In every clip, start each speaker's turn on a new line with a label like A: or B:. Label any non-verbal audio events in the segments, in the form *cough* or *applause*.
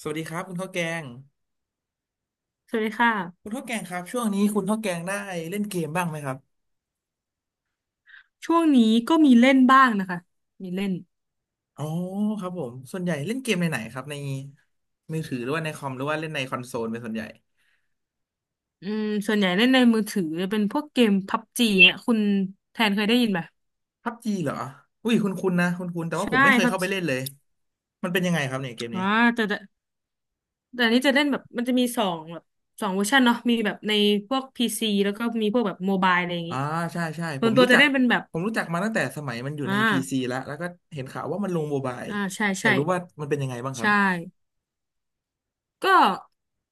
A: สวัสดีครับคุณข้าวแกง
B: สวัสดีค
A: คุณ
B: ่ะ
A: ข้าวแกงครับช่วงนี้คุณข้าวแกงได้เล่นเกมบ้างไหมครับ
B: ช่วงนี้ก็มีเล่นบ้างนะคะ มีเล่น
A: อ๋อครับผมส่วนใหญ่เล่นเกมในไหนครับในมือถือหรือว่าในคอมหรือว่าเล่นในคอนโซลเป็นส่วนใหญ่
B: อืมส่วนใหญ่เล่นในมือถือเป็นพวกเกมพับจีเนี่ยคุณแทนเคยได้ยินไหม
A: พับจีเหรออุ้ยคุณนะคุณแต่ว่าผ
B: ใช่
A: มไม่เคย
B: พับ
A: เข้าไป
B: จี
A: เล่นเลยมันเป็นยังไงครับเนี่ยเกม
B: อ๋อ
A: นี้
B: แต่แต่แต่อันนี้จะเล่นแบบมันจะมีสองแบบสองเวอร์ชันเนาะมีแบบในพวกพีซีแล้วก็มีพวกแบบโมบายอะไรอย่าง
A: อ่า
B: งี้
A: ใช่ใช่
B: ส่
A: ผ
B: วน
A: ม
B: ตัว
A: รู้
B: จะ
A: จัก
B: เล่นเป็นแบบ
A: ผมรู้จักมาตั้งแต่สมัยมันอยู่
B: อ่
A: ในพีซี
B: า
A: แล้วก็เห็นข่าวว่ามันลงโมบาย
B: อ่าใช่
A: อยา
B: ใช่
A: กรู้ว่ามันเป็นยังไงบ้างครับ
B: ใช่ ก็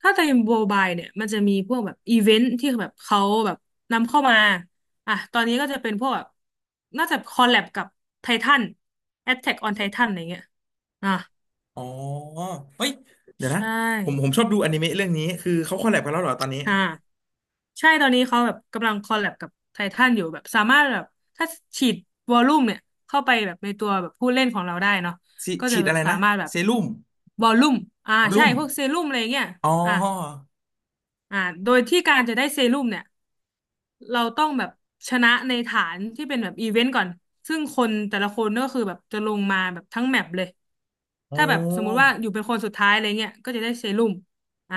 B: ถ้าในโบบายเนี่ยมันจะมีพวกแบบอีเวนต์ที่แบบเขาแบบนำเข้ามาอ่ะตอนนี้ก็จะเป็นพวกแบบน่าจะคอลแลบกับไททัน Attack on Titan อะไรเงี้ยอ่ะ
A: อ๋อเฮ้ยเดี๋ยวนะ
B: ใช่
A: ผมชอบดูอนิเมะเรื่องนี้คือเขาคอลแลบกันแล้วเหรอตอนนี้
B: อ่าใช่ตอนนี้เขาแบบกำลังคอลแลบกับไททันอยู่แบบสามารถแบบถ้าฉีดวอลลุ่มเนี่ยเข้าไปแบบในตัวแบบผู้เล่นของเราได้เนาะ
A: สิ
B: ก็
A: ฉี
B: จะ
A: ดอะไร
B: สา
A: นะ
B: มารถแบบ
A: เซรุ่ม
B: วอลลุ่มอ่าใช่
A: รุ่ม
B: พวกเซรุ่มอะไรเงี้ย
A: อ๋อ
B: อ่ะอ่าโดยที่การจะได้เซรุ่มเนี่ย เราต้องแบบชนะในฐานที่เป็นแบบอีเวนต์ก่อนซึ่งคนแต่ละคนก็คือแบบจะลงมาแบบทั้งแมปเลย
A: โอ้
B: ถ้าแบบสมมุติว่าอยู่เป็นคนสุดท้ายอะไรเงี้ยก็จะได้เซรุ่มอ่า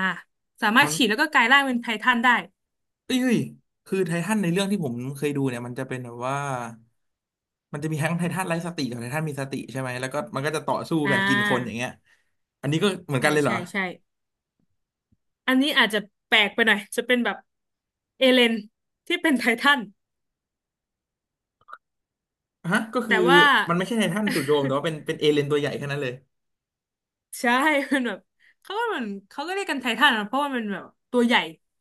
B: สามาร
A: มั
B: ถ
A: น
B: ฉีดแล้วก็กลายร่างเป็นไททันได้
A: เอ้ยคือไททันในเรื่องที่ผมเคยดูเนี่ยมันจะเป็นแบบว่ามันจะมีทั้งไททันไร้สติกับไททันมีสติใช่ไหมแล้วก็มันก็จะต่อสู้
B: อ่
A: กันกินคนอ
B: า
A: ย่างเงี้ยอันนี้ก็เหมือนกั
B: ใช่
A: นเลยเหร
B: ใช่
A: อ
B: ใช่อันนี้อาจจะแปลกไปหน่อยจะเป็นแบบเอเลนที่เป็นไททัน
A: ฮะก็คื
B: แต่
A: อ
B: ว่า
A: มันไม่ใช่ไททันจู่โจมแต่ว่าเป็
B: *laughs*
A: นเป็นเอเลยนตัวใหญ่แค่นั้นเลย
B: ใช่ *laughs* มันแบบเขาก็เหมือนเขาก็เรียกกันไททันอะเพราะว่ามันแบบตัวใหญ่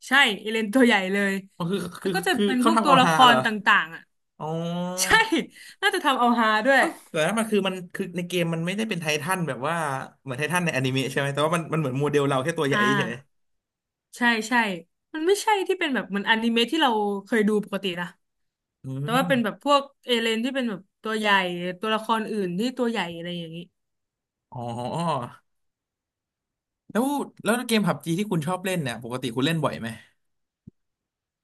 B: ใช่เอเลนตัวใหญ่เลย
A: อ๋อคือ
B: แล้
A: คือ
B: วก็จะ
A: คือ
B: เป็นพ
A: เขา
B: วก
A: ทำ
B: ตัว
A: เอา
B: ละ
A: ฮา
B: ค
A: เหร
B: ร
A: อ
B: ต่างๆอ่ะ
A: อ๋อ
B: *laughs* ใช่ *laughs* น่าจะทำเอาฮาด้วย
A: เอ้าแต่ว่ามันคือในเกมมันไม่ได้เป็นไททันแบบว่าเหมือนไททันในอนิเมะใช่ไหมแต่ว่ามันเหมือนโมเดลเราแค่ตัวให
B: อ่
A: ญ่เฉย
B: าใช่ใช่มันไม่ใช่ที่เป็นแบบเหมือนอนิเมะที่เราเคยดูปกตินะ
A: อื
B: แต่ว่าเป็นแบบ
A: ม
B: พวกเอเลนที่เป็นแบบตัวใหญ่ตัวละครอื่นที่ตัวใหญ่อะไรอย่างนี้
A: อ๋อแล้วแล้วเกมผับจีที่คุณชอบเล่นเนี่ยปกติคุณเล่นบ่อยไหม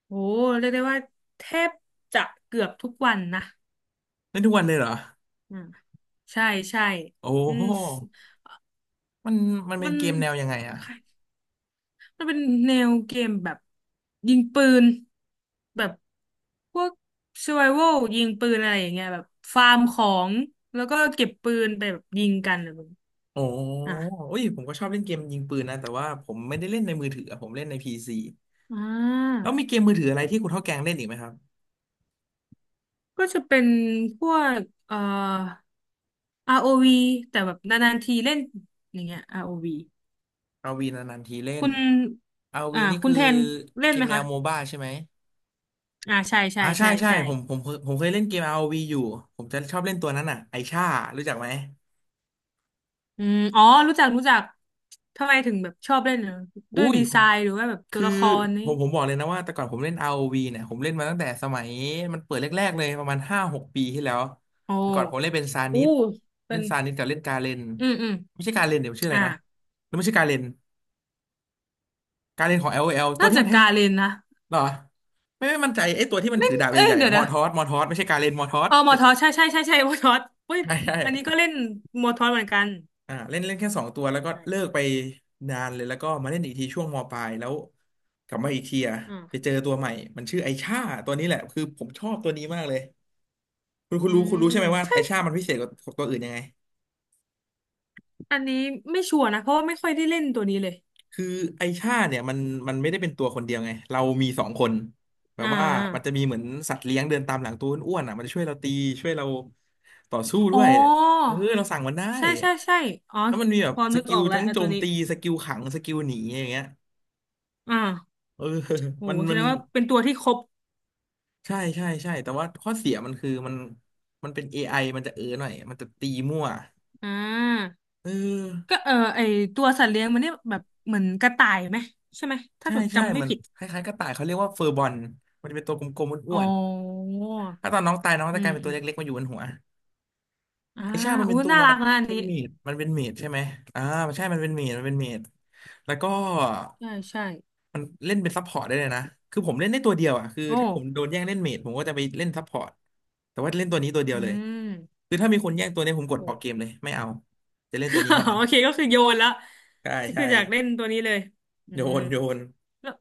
B: โอ้เรียกได้ว่าแทบจะเกือบทุกวันนะ
A: เล่นทุกวันเลยเหรอ
B: อ่าใช่ใช่
A: โอ้
B: อื
A: โห
B: ม
A: มันมันเป็
B: มั
A: น
B: น
A: เกมแนวยังไงอะ
B: จะเป็นแนวเกมแบบยิงปืนแบบพวก survival ยิงปืนอะไรอย่างเงี้ยแบบฟาร์มของแล้วก็เก็บปืนไปแบบยิงกันอะไรแบบนี้
A: โอ้
B: อ่ะ
A: โอ้ยผมก็ชอบเล่นเกมยิงปืนนะแต่ว่าผมไม่ได้เล่นในมือถืออะผมเล่นในพีซี
B: อ่า
A: แล้วมีเกมมือถืออะไรที่คุณเท่าแกงเล่นอีกไหมครับ
B: ก็จะเป็นพวกเอ่อ ROV แต่แบบนานๆทีเล่นอย่างเงี้ย ROV
A: อาวีนานๆทีเล่น
B: คุณ
A: อาวี
B: อ่า
A: นี่
B: คุ
A: คื
B: ณ
A: อ
B: แทนเล่
A: เก
B: นไหม
A: มแน
B: คะ
A: วโมบ้าใช่ไหม
B: อ่าใช่ใช่
A: อ่าใช่
B: ใช่
A: ใช่
B: ใช่
A: ผมเคยเล่นเกม ROV อวีอยู่ผมจะชอบเล่นตัวนั้นอ่ะไอชารู้จักไหม
B: อืมอ๋อรู้จักรู้จัก ทำไมถึงแบบชอบเล่นเหรอด้
A: อุ้
B: วย
A: ย
B: ดี
A: ผ
B: ไซ
A: ม
B: น์หรือว่าแบบตัว
A: คือ
B: ละครนี่
A: ผมบอกเลยนะว่าแต่ก่อนผมเล่น r o ีเนี่ยผมเล่นมาตั้งแต่สมัยมันเปิดแรกๆเลยประมาณห้าหกปีที่แล้ว
B: โอ้
A: แต่ก่อนผมเล่นเป็นซานิ
B: อู้
A: ส
B: เป็
A: เล่น
B: น
A: ซานิสกับเล่นกาเรน
B: อืมอืม
A: ไม่ใช่กาเรนเดี๋ยวชื่ออะไร
B: อ่า
A: นะแล้วไม่ใช่กาเรนกาเรนของ l อลโอแอลตัว
B: น่า
A: ที่
B: จะ
A: มันให้
B: กาเรนนะ
A: หรอไม่มั่นใจไอ้ตัวที่มัน
B: เล่
A: ถื
B: น
A: อดาบ
B: เอ้ย
A: ใหญ่ๆ
B: เดี๋ย
A: อะ
B: ว
A: มอ
B: นะ
A: ร์ทอสมอร์ทอสไม่ใช่กาเรนมอร์ทอ
B: เอ
A: ส
B: อมอทอสใช่ใช่ใช่ใช่มอทอสเฮ้ย
A: ใช่ใช่
B: อันนี้ก็เล่นมอทอสเหมือนกัน
A: อ่าเล่นเล่นแค่สองตัวแล้วก็เลิ
B: ใช่
A: กไปนานเลยแล้วก็มาเล่นอีกทีช่วงมปลายแล้วกลับมาอีกทีอะไปเจ
B: อ่า
A: อตัวใหม่มันชื่อไอชาตัวนี้แหละคือผมชอบตัวนี้มากเลยคุณคุณ
B: อื
A: รู้คุณรู้
B: ม
A: ใช่ไหมว่า
B: ใช่
A: ไอชามันพิเศษกว่าตัวอื่นยังไง
B: อันนี้ไม่ชัวร์นะเพราะว่าไม่ค่อยได้เล่นตัวนี้เลย
A: คือไอชาเนี่ยมันไม่ได้เป็นตัวคนเดียวไงเรามีสองคนแบ
B: อ่
A: บว่ามันจะ
B: า
A: มีเหมือนสัตว์เลี้ยงเดินตามหลังตัวอ้วนๆอ่ะมันจะช่วยเราตีช่วยเราต่อสู้
B: อ๋
A: ด้
B: อ
A: วยเออเราสั่งมันได้
B: ใช่ใช่ใช่อ๋อ
A: แล้วมันมีแบ
B: พ
A: บ
B: อ
A: ส
B: นึก
A: กิ
B: อ
A: ล
B: อกแล้ว
A: ทั้ง
B: ไอ้
A: โจ
B: ตัว
A: ม
B: นี้
A: ตีสกิลขังสกิลหนีอย่างเงี้ย
B: อ่า
A: เออ
B: โห
A: *laughs* มัน
B: แส
A: มั
B: ด
A: น
B: งว่าเป็นตัวที่ครบ
A: ใช่ใช่ใช่แต่ว่าข้อเสียมันคือมันเป็น AI มันจะเออหน่อยมันจะตีมั่ว
B: อ่า
A: เอ
B: ก็
A: อ
B: เออไอตัวสัตว์เลี้ยงมันเนี่ยแบบเหมือนกระต่ายไหมใช่ไหมถ้า
A: ใช่
B: แบบ
A: ใช่
B: จำไม่
A: มัน
B: ผิด
A: คล้ายๆกระต่ายเขาเรียกว่าเฟอร์บอลมันจะเป็นตัวกลมๆ
B: อ๋
A: อ้
B: อ
A: วนๆถ้าตอนน้องตายน้อง
B: อื
A: จะกลา
B: ม
A: ยเป็นตั
B: อื
A: ว
B: ม
A: เล็กๆมาอยู่บนหัว
B: อ่า
A: ไอชาติมัน
B: อู้
A: เป็นตัว
B: น่ารักนะอัน
A: เป็
B: นี้
A: นเมดมันเป็นเมดใช่ไหมอ่าใช่มันเป็นเมดแล้วก็
B: ใช่ใช่
A: มันเล่นเป็นซัพพอร์ตได้เลยนะคือผมเล่นได้ตัวเดียวอ่ะคือ
B: โอ้
A: ถ้าผมโดนแย่งเล่นเมดผมก็จะไปเล่นซัพพอร์ตแต่ว่าเล่นตัวนี้ตัวเดียว
B: อื
A: เลย
B: ม
A: คือถ้ามีคนแย่งตัวเนี้ยผมกด
B: โอ้
A: ออกเกมเลยไม่เอาจะเล่นตัวนี้เท่า
B: *laughs*
A: นั้น
B: โอเคก็คือโยนแล้ว
A: ใช่
B: ก็คื
A: ใช่
B: ออยากเล่นตัวนี้เลยอื
A: โย
B: ม
A: นโยน
B: แล้ว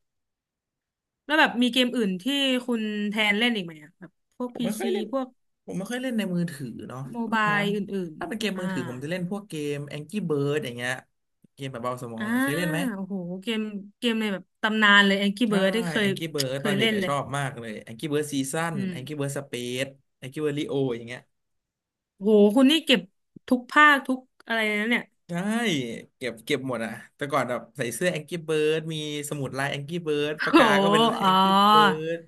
B: แบบมีเกมอื่นที่คุณแทนเล่นอีกไหมอะแบบพวก
A: ผม
B: พี
A: ไม่ค่อ
B: ซี
A: ยเล่น
B: พวก
A: ผมไม่ค่อยเล่นในมือถือเนาะ
B: โม
A: แป๊บนึ
B: บา
A: ง
B: ย
A: นะ
B: อื่น
A: ถ้าเป็นเกม
B: ๆอ่า
A: มือถือผมจะเล่นพวกเกม Angry Bird อย่างเงี้ยเกมแบบเบาสมอง
B: อ่า
A: หน่อยเคยเล่นไหม
B: โอ้โหเกมเกมในแบบตำนานเลย Angry
A: ใช่
B: Birds ได้เค
A: แอ
B: ย
A: งกี้เบิร์ด
B: เค
A: ตอ
B: ย
A: นเด็ก
B: เล่น
A: ก็
B: เล
A: ช
B: ย
A: อบมากเลยแองกี้เบิร์ดซีซั่น
B: อื
A: แองกี้เบิ
B: ม
A: ร์ดสเปซแองกี้เบิร์ดลีโออย่างเงี้ย
B: โหคุณนี่เก็บทุกภาคทุกอะไรนะเนี่ย
A: ใช่เก็บหมดอ่ะแต่ก่อนแบบใส่เสื้อแองกี้เบิร์ดมีสมุดลายแองกี้เบิร์ด
B: *laughs*
A: ปาก
B: โอ้
A: กา
B: โห
A: ก็เป็นลาย
B: อ๋
A: แอ
B: อ
A: งกี้เบิร์ด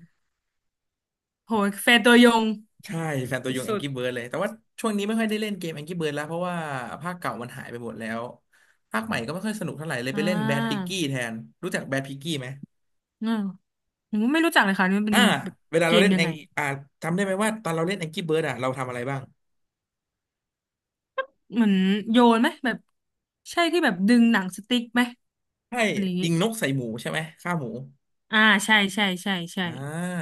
B: โหแฟนตัวยง
A: ใช่แฟนตัวยงแอ
B: สุ
A: ง
B: ด
A: กี้เบิร์ดเลยแต่ว่าช่วงนี้ไม่ค่อยได้เล่นเกมแองกี้เบิร์ดแล้วเพราะว่าภาคเก่ามันหายไปหมดแล้วภาคใหม่ก็ไม่ค่อยสนุกเท่าไหร่เลย
B: ๆอ่
A: ไปเล่นแบดพิก
B: า
A: กี้แทนรู้จักแบดพิกกี้ไหม
B: อืมผมไม่รู้จักเลยค่ะนี่มันเป็
A: อ่า
B: นแบบ
A: เวลา
B: เก
A: เรา
B: ม
A: เล่น
B: ยั
A: แอ
B: งไง
A: งอ่าจำได้ไหมว่าตอนเราเล่นแองกี้เบิร์ดอ่ะเราทำอะไรบ้าง
B: เหมือนโยนไหมแบบใช่ที่แบบดึงหนังสติ๊กไหม
A: ใช่
B: อะไรอย่าง
A: ยิ
B: งี้
A: งนกใส่หมูใช่ไหมฆ่าหมู
B: อ่าใช่ใช่ใช่ใช่
A: อ่า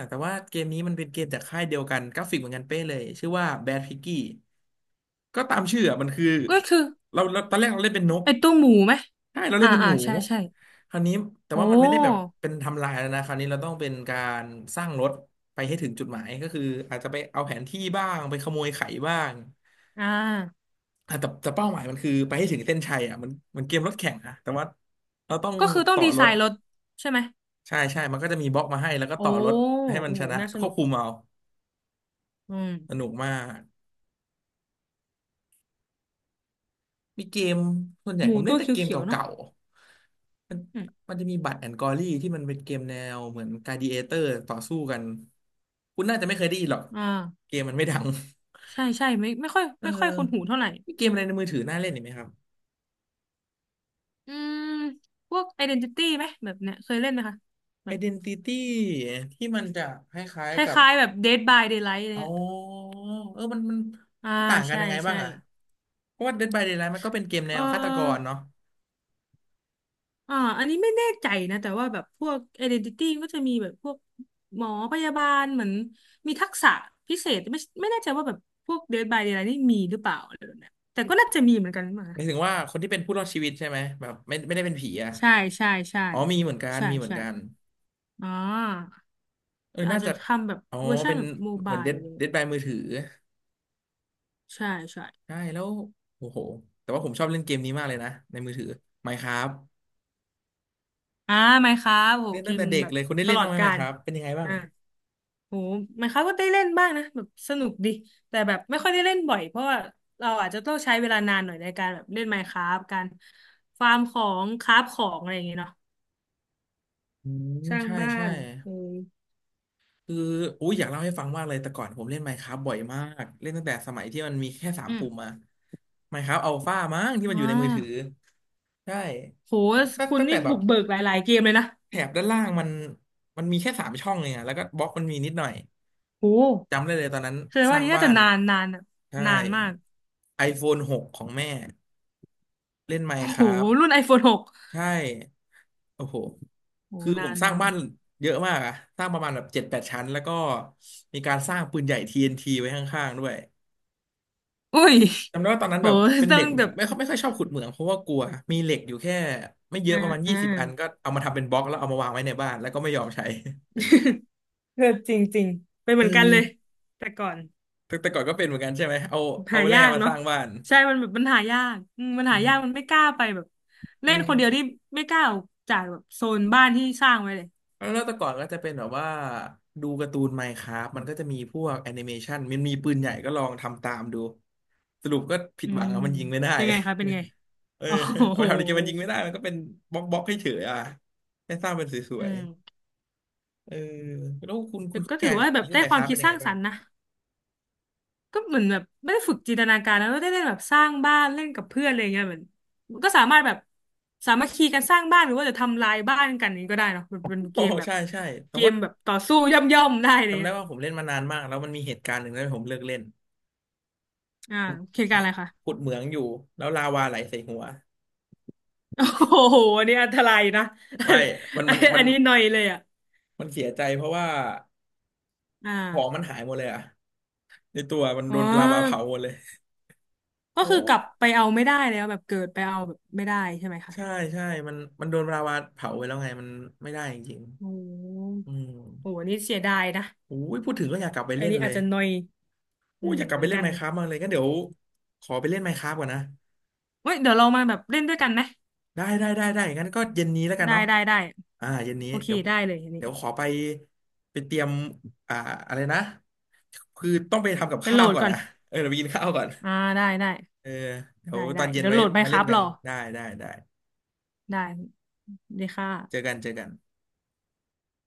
A: แต่ว่าเกมนี้มันเป็นเกมจากค่ายเดียวกันกราฟิกเหมือนกันเป๊ะเลยชื่อว่า Bad Piggy ก็ตามชื่ออะมันคือ
B: ก็คือ
A: เราตอนแรกเราเล่นเป็นนก
B: ไอ้ตัวหมูไหม
A: ใช่เราเล่
B: อ่า
A: นเป็น
B: อ่า
A: หมู
B: ใช่ใช่
A: คราวนี้แต่
B: โอ้
A: ว่ามันไม่ได้แบบเป็นทำลายแล้วนะคราวนี้เราต้องเป็นการสร้างรถไปให้ถึงจุดหมายก็คืออาจจะไปเอาแผนที่บ้างไปขโมยไข่บ้าง
B: อ่า
A: อ่ะแต่เป้าหมายมันคือไปให้ถึงเส้นชัยอ่ะมันมันเกมรถแข่งนะแต่ว่าเราต้อง
B: ก็คือต้อง
A: ต่อ
B: ดี
A: ร
B: ไซ
A: ถ
B: น์รถใช่ไหม
A: ใช่ใช่มันก็จะมีบล็อกมาให้แล้วก็
B: โอ้
A: ต่อรถให้มัน
B: โอ้
A: ช
B: โห
A: นะ
B: น่าส
A: ค
B: นุ
A: วบ
B: ก
A: คุมเอา
B: อืม
A: สนุกมาก มีเกมส่วนใหญ่
B: หมู
A: ผมเล่
B: ตั
A: น
B: ว
A: แต่เกม
B: เขี
A: เก
B: ยวๆเนาะ
A: ่าๆ มัน
B: อืม
A: จะมีบัตแอนกอรี่ที่มันเป็นเกมแนวเหมือนกลาดิเอเตอร์ต่อสู้กัน คุณน่าจะไม่เคยได้ยินหรอก
B: อ่า
A: เกมมันไม่ดัง
B: ใช่ใช่ไม่ไม่ค่อย
A: *laughs* เอ
B: ไม่ค่อย
A: อ
B: คุ้นหูเท่าไหร่
A: มีเกมอะไรในมือถือน่าเล่นอีกไหมครับ
B: อืมพวก Identity ไหมแบบเนี้ยเคยเล่นไหมคะ แบบ
A: Identity ที่มันจะคล้าย
B: ค
A: ๆกับ
B: ล้ายๆแบบ Dead by Daylight อะไร
A: อ๋อ
B: เงี้ย
A: เออมันมัน
B: อ่า
A: มันต่างกัน
B: ใช่
A: ยังไงบ้า
B: ใช่
A: งอะเพราะว่า Dead by Daylight มันก็เป็นเกมแน
B: เ
A: วฆาตกร
B: ออ
A: เนาะ
B: อ่าอันนี้ไม่แน่ใจนะแต่ว่าแบบพวก identity ก็จะมีแบบพวกหมอพยาบาลเหมือนมีทักษะพิเศษไม่ไม่แน่ใจว่าแบบพวก Dead by Daylight นี่มีหรือเปล่าอะไรแบบเนี้ยแต่ก็น่าจะมีเหมือนกันมา
A: หมายถึงว่าคนที่เป็นผู้รอดชีวิตใช่ไหมแบบไม่ได้เป็นผีอ่ะ
B: ใช่ใช่ใช่
A: อ๋อมีเหมือนกัน
B: ใช่
A: มีเหมือน
B: ใช่
A: กัน
B: อ่า
A: เออ
B: อา
A: น่า
B: จจะ
A: จะ
B: ทำแบบ
A: อ๋อ
B: เวอร์ชัน
A: เป็น
B: แบบโม
A: เห
B: บา
A: มือน
B: ย
A: เดด
B: เลย
A: เดดบายมือถือ
B: ใช่ใช่
A: ใช่แล้วโอ้โหแต่ว่าผมชอบเล่นเกมนี้มากเลยนะในมือถือ Minecraft
B: อ่าไหมครับโห
A: เล่น
B: เก
A: ตั้ง
B: ม
A: แต่เด็ก
B: แบบ
A: เลยคุณได้
B: ต
A: เล่น
B: ลอ
A: บ้า
B: ด
A: งไหม
B: กาล
A: Minecraft เป็นยังไงบ้าง
B: อ่า โหหมายความว่าได้เล่นบ้างนะแบบสนุกดีแต่แบบไม่ค่อยได้เล่นบ่อยเพราะว่าเราอาจจะต้องใช้เวลานานหน่อยในการแบบเล่น Minecraft การฟาร์มของคราฟของอะไรอย่างเงี้ยเนาะ
A: อืม
B: สร้าง
A: ใช่
B: บ้า
A: ใช่
B: นเออ
A: คืออุ้ยอยากเล่าให้ฟังมากเลยแต่ก่อนผมเล่น Minecraft บ่อยมากเล่นตั้งแต่สมัยที่มันมีแค่สาม
B: อืม
A: ปุ่มอะ Minecraft Alpha มั้งที่มัน
B: อ่
A: อยู่ในมือถือ
B: า
A: ใช่
B: โห
A: ตั้ง
B: คุณ
A: ตั้งแต่
B: นี่
A: แบ
B: บุ
A: บ
B: กเบิกหลายๆเกมเลยนะ
A: แถบด้านล่างมันมันมีแค่สามช่องเองอะแล้วก็บล็อกมันมีนิดหน่อย
B: โห
A: จำได้เลยตอนนั้น
B: แสดง
A: ส
B: ว่า
A: ร้าง
B: นี้น่า
A: บ้า
B: จะ
A: น
B: นานนานอะ
A: ใช่
B: นานมาก
A: iPhone 6ของแม่เล่น
B: โห
A: Minecraft
B: รุ่น iPhone 6
A: ใช่โอ้โห
B: โฟนหก
A: คือ
B: โห
A: ผ
B: นา
A: ม
B: น
A: สร้าง
B: นาน
A: บ้านเยอะมากอะสร้างประมาณแบบเจ็ดแปดชั้นแล้วก็มีการสร้างปืนใหญ่ TNT ไว้ข้างๆด้วย
B: อุ้ย
A: จำได้ว่าตอนนั้น
B: โห
A: แบบเป็น
B: ต้อ
A: เด็
B: ง
A: ก
B: แบบ
A: ไม่ค่อยชอบขุดเหมืองเพราะว่ากลัว มีเหล็กอยู่แค่ไม่เยอะประมาณ
B: อ่า
A: 20อันก็เอามาทำเป็นบล็อกแล้วเอามาวางไว้ในบ้านแล้วก็ไม่ยอมใช้ *laughs*
B: *laughs* เออจริงจริงเป็นเห
A: เอ
B: มื
A: อ
B: อนกันเลยแต่ก่อน
A: แต่ก่อนก็เป็นเหมือนกันใช่ไหม เอาเอา
B: หา
A: แร่
B: ยาก
A: มาส
B: เนาะ
A: ร้างบ้าน
B: ใช่มันแบบมันหายากอืมมัน
A: อื
B: หายากมัน
A: ม
B: ไม่กล้าไปแบบ
A: อื
B: เล่น
A: ม
B: คนเดียวที่ไม่กล้าออกจากแบบโซนบ้านที่สร้างไว้เลย
A: แล้วแต่ก่อนก็จะเป็นแบบว่าดูการ์ตูน Minecraft มันก็จะมีพวกแอนิเมชันมันมีปืนใหญ่ก็ลองทำตามดู สรุปก็ผิ
B: อื
A: ดหวัง
B: ม
A: อะมันยิงไม่ได้
B: เป็นไงคะเป็นไง
A: *laughs* เออ
B: โอ้
A: เอา
B: โห
A: มาทำในเกมมันยิงไม่ได้มันก็เป็นบล็อกบล็อกให้เฉยๆอ่ะแค่สร้างเป็นส
B: อื
A: วย
B: ม
A: ๆเออแล้วคุณ
B: แต่
A: คุณ
B: ก็
A: แก
B: ถือว่าแบบ
A: เล่น
B: ได้
A: ไมน์
B: ค
A: ค
B: วาม
A: ราฟเป็
B: คิด
A: นยั
B: ส
A: งไง
B: ร้างส
A: บ้า
B: ร
A: ง
B: รค์นะก็เหมือนแบบไม่ได้ฝึกจินตนาการแล้วได้เล่นแบบสร้างบ้านเล่นกับเพื่อนอะไรเงี้ยเหมือนก็สามารถแบบสามัคคีกันสร้างบ้านหรือว่าจะทำลายบ้านกันนี้ก็ได้เนาะมันเป็นเก
A: โอ้
B: ม
A: *laughs*
B: แบบ
A: ใช่ใช่แต่ว่า
B: ต่อสู้ย่อมๆได้เลย
A: จำได้
B: อ่ะ
A: ว่าผมเล่นมานานมากแล้วมันมีเหตุการณ์หนึ่งที่ผมเลิกเล่น
B: อ่าเหตุการณ์อะไร
A: *laughs*
B: คะ
A: ขุดเหมืองอยู่แล้วลาวาไหลใส่หัว
B: โอ้โหอันนี้อันตรายนะ *laughs* อั
A: ไม่
B: น
A: มันมันมั
B: อั
A: น
B: นนี้หน่อยเลยอ่ะ
A: มันเสียใจเพราะว่า
B: อ
A: ของมั
B: ่า
A: นหายหมดเลยอะในตัวมัน
B: อ๋
A: โดนลาวา
B: อ
A: เผาหมดเลย
B: ก็
A: โอ้
B: คือกลับไปเอาไม่ได้แล้วแบบเกิดไปเอาแบบไม่ได้ใช่ไหมคะ
A: ใช่ใช่มันโดนลาวาเผาไปแล้วไงมันไม่ได้จริง
B: โอ้
A: ๆอืม
B: โหอันนี้เสียดายนะ
A: โอ้ยพูดถึงก็อยากกลับไป
B: อัน
A: เล่น
B: นี้
A: เล
B: อาจ
A: ย
B: จะหน่อย
A: โอ้
B: อื
A: ย
B: ม
A: อยากกลับ
B: เหมื
A: ไป
B: อน
A: เล่
B: กั
A: น
B: น
A: ไมน์
B: เล
A: ค
B: ย
A: ราฟมากเลยงั้นเดี๋ยวขอไปเล่นไมน์คราฟก่อนนะ
B: เฮ้ยเดี๋ยวเรามาแบบเล่นด้วยกันไหม
A: ได้ได้ได้ได้งั้นก็เย็นนี้แล้วกัน
B: ได้
A: เนาะ
B: ได้ได้
A: อ่าเย็นนี้
B: โอเค
A: เดี๋ยว
B: ได้เลยอันนี้
A: ขอไปไปเตรียมอ่าอะไรนะคือต้องไปทำกับ
B: ไปโห
A: ข้า
B: ล
A: ว
B: ด
A: ก่อน
B: ก่อน
A: นะเออเดี๋ยวไปกินข้าวก่อน
B: อ่าได้ได้
A: เออเดี๋ยว
B: ได้
A: ต
B: ได้
A: อนเย็น
B: เดี๋ยว
A: ไว้
B: โหลดไมน์
A: มา
B: ค
A: เล่
B: รา
A: น
B: ฟ
A: กั
B: ร
A: น
B: อ
A: ได้ได้ได้
B: ได้ดีค
A: เจอ
B: ่ะ
A: กันเจอกัน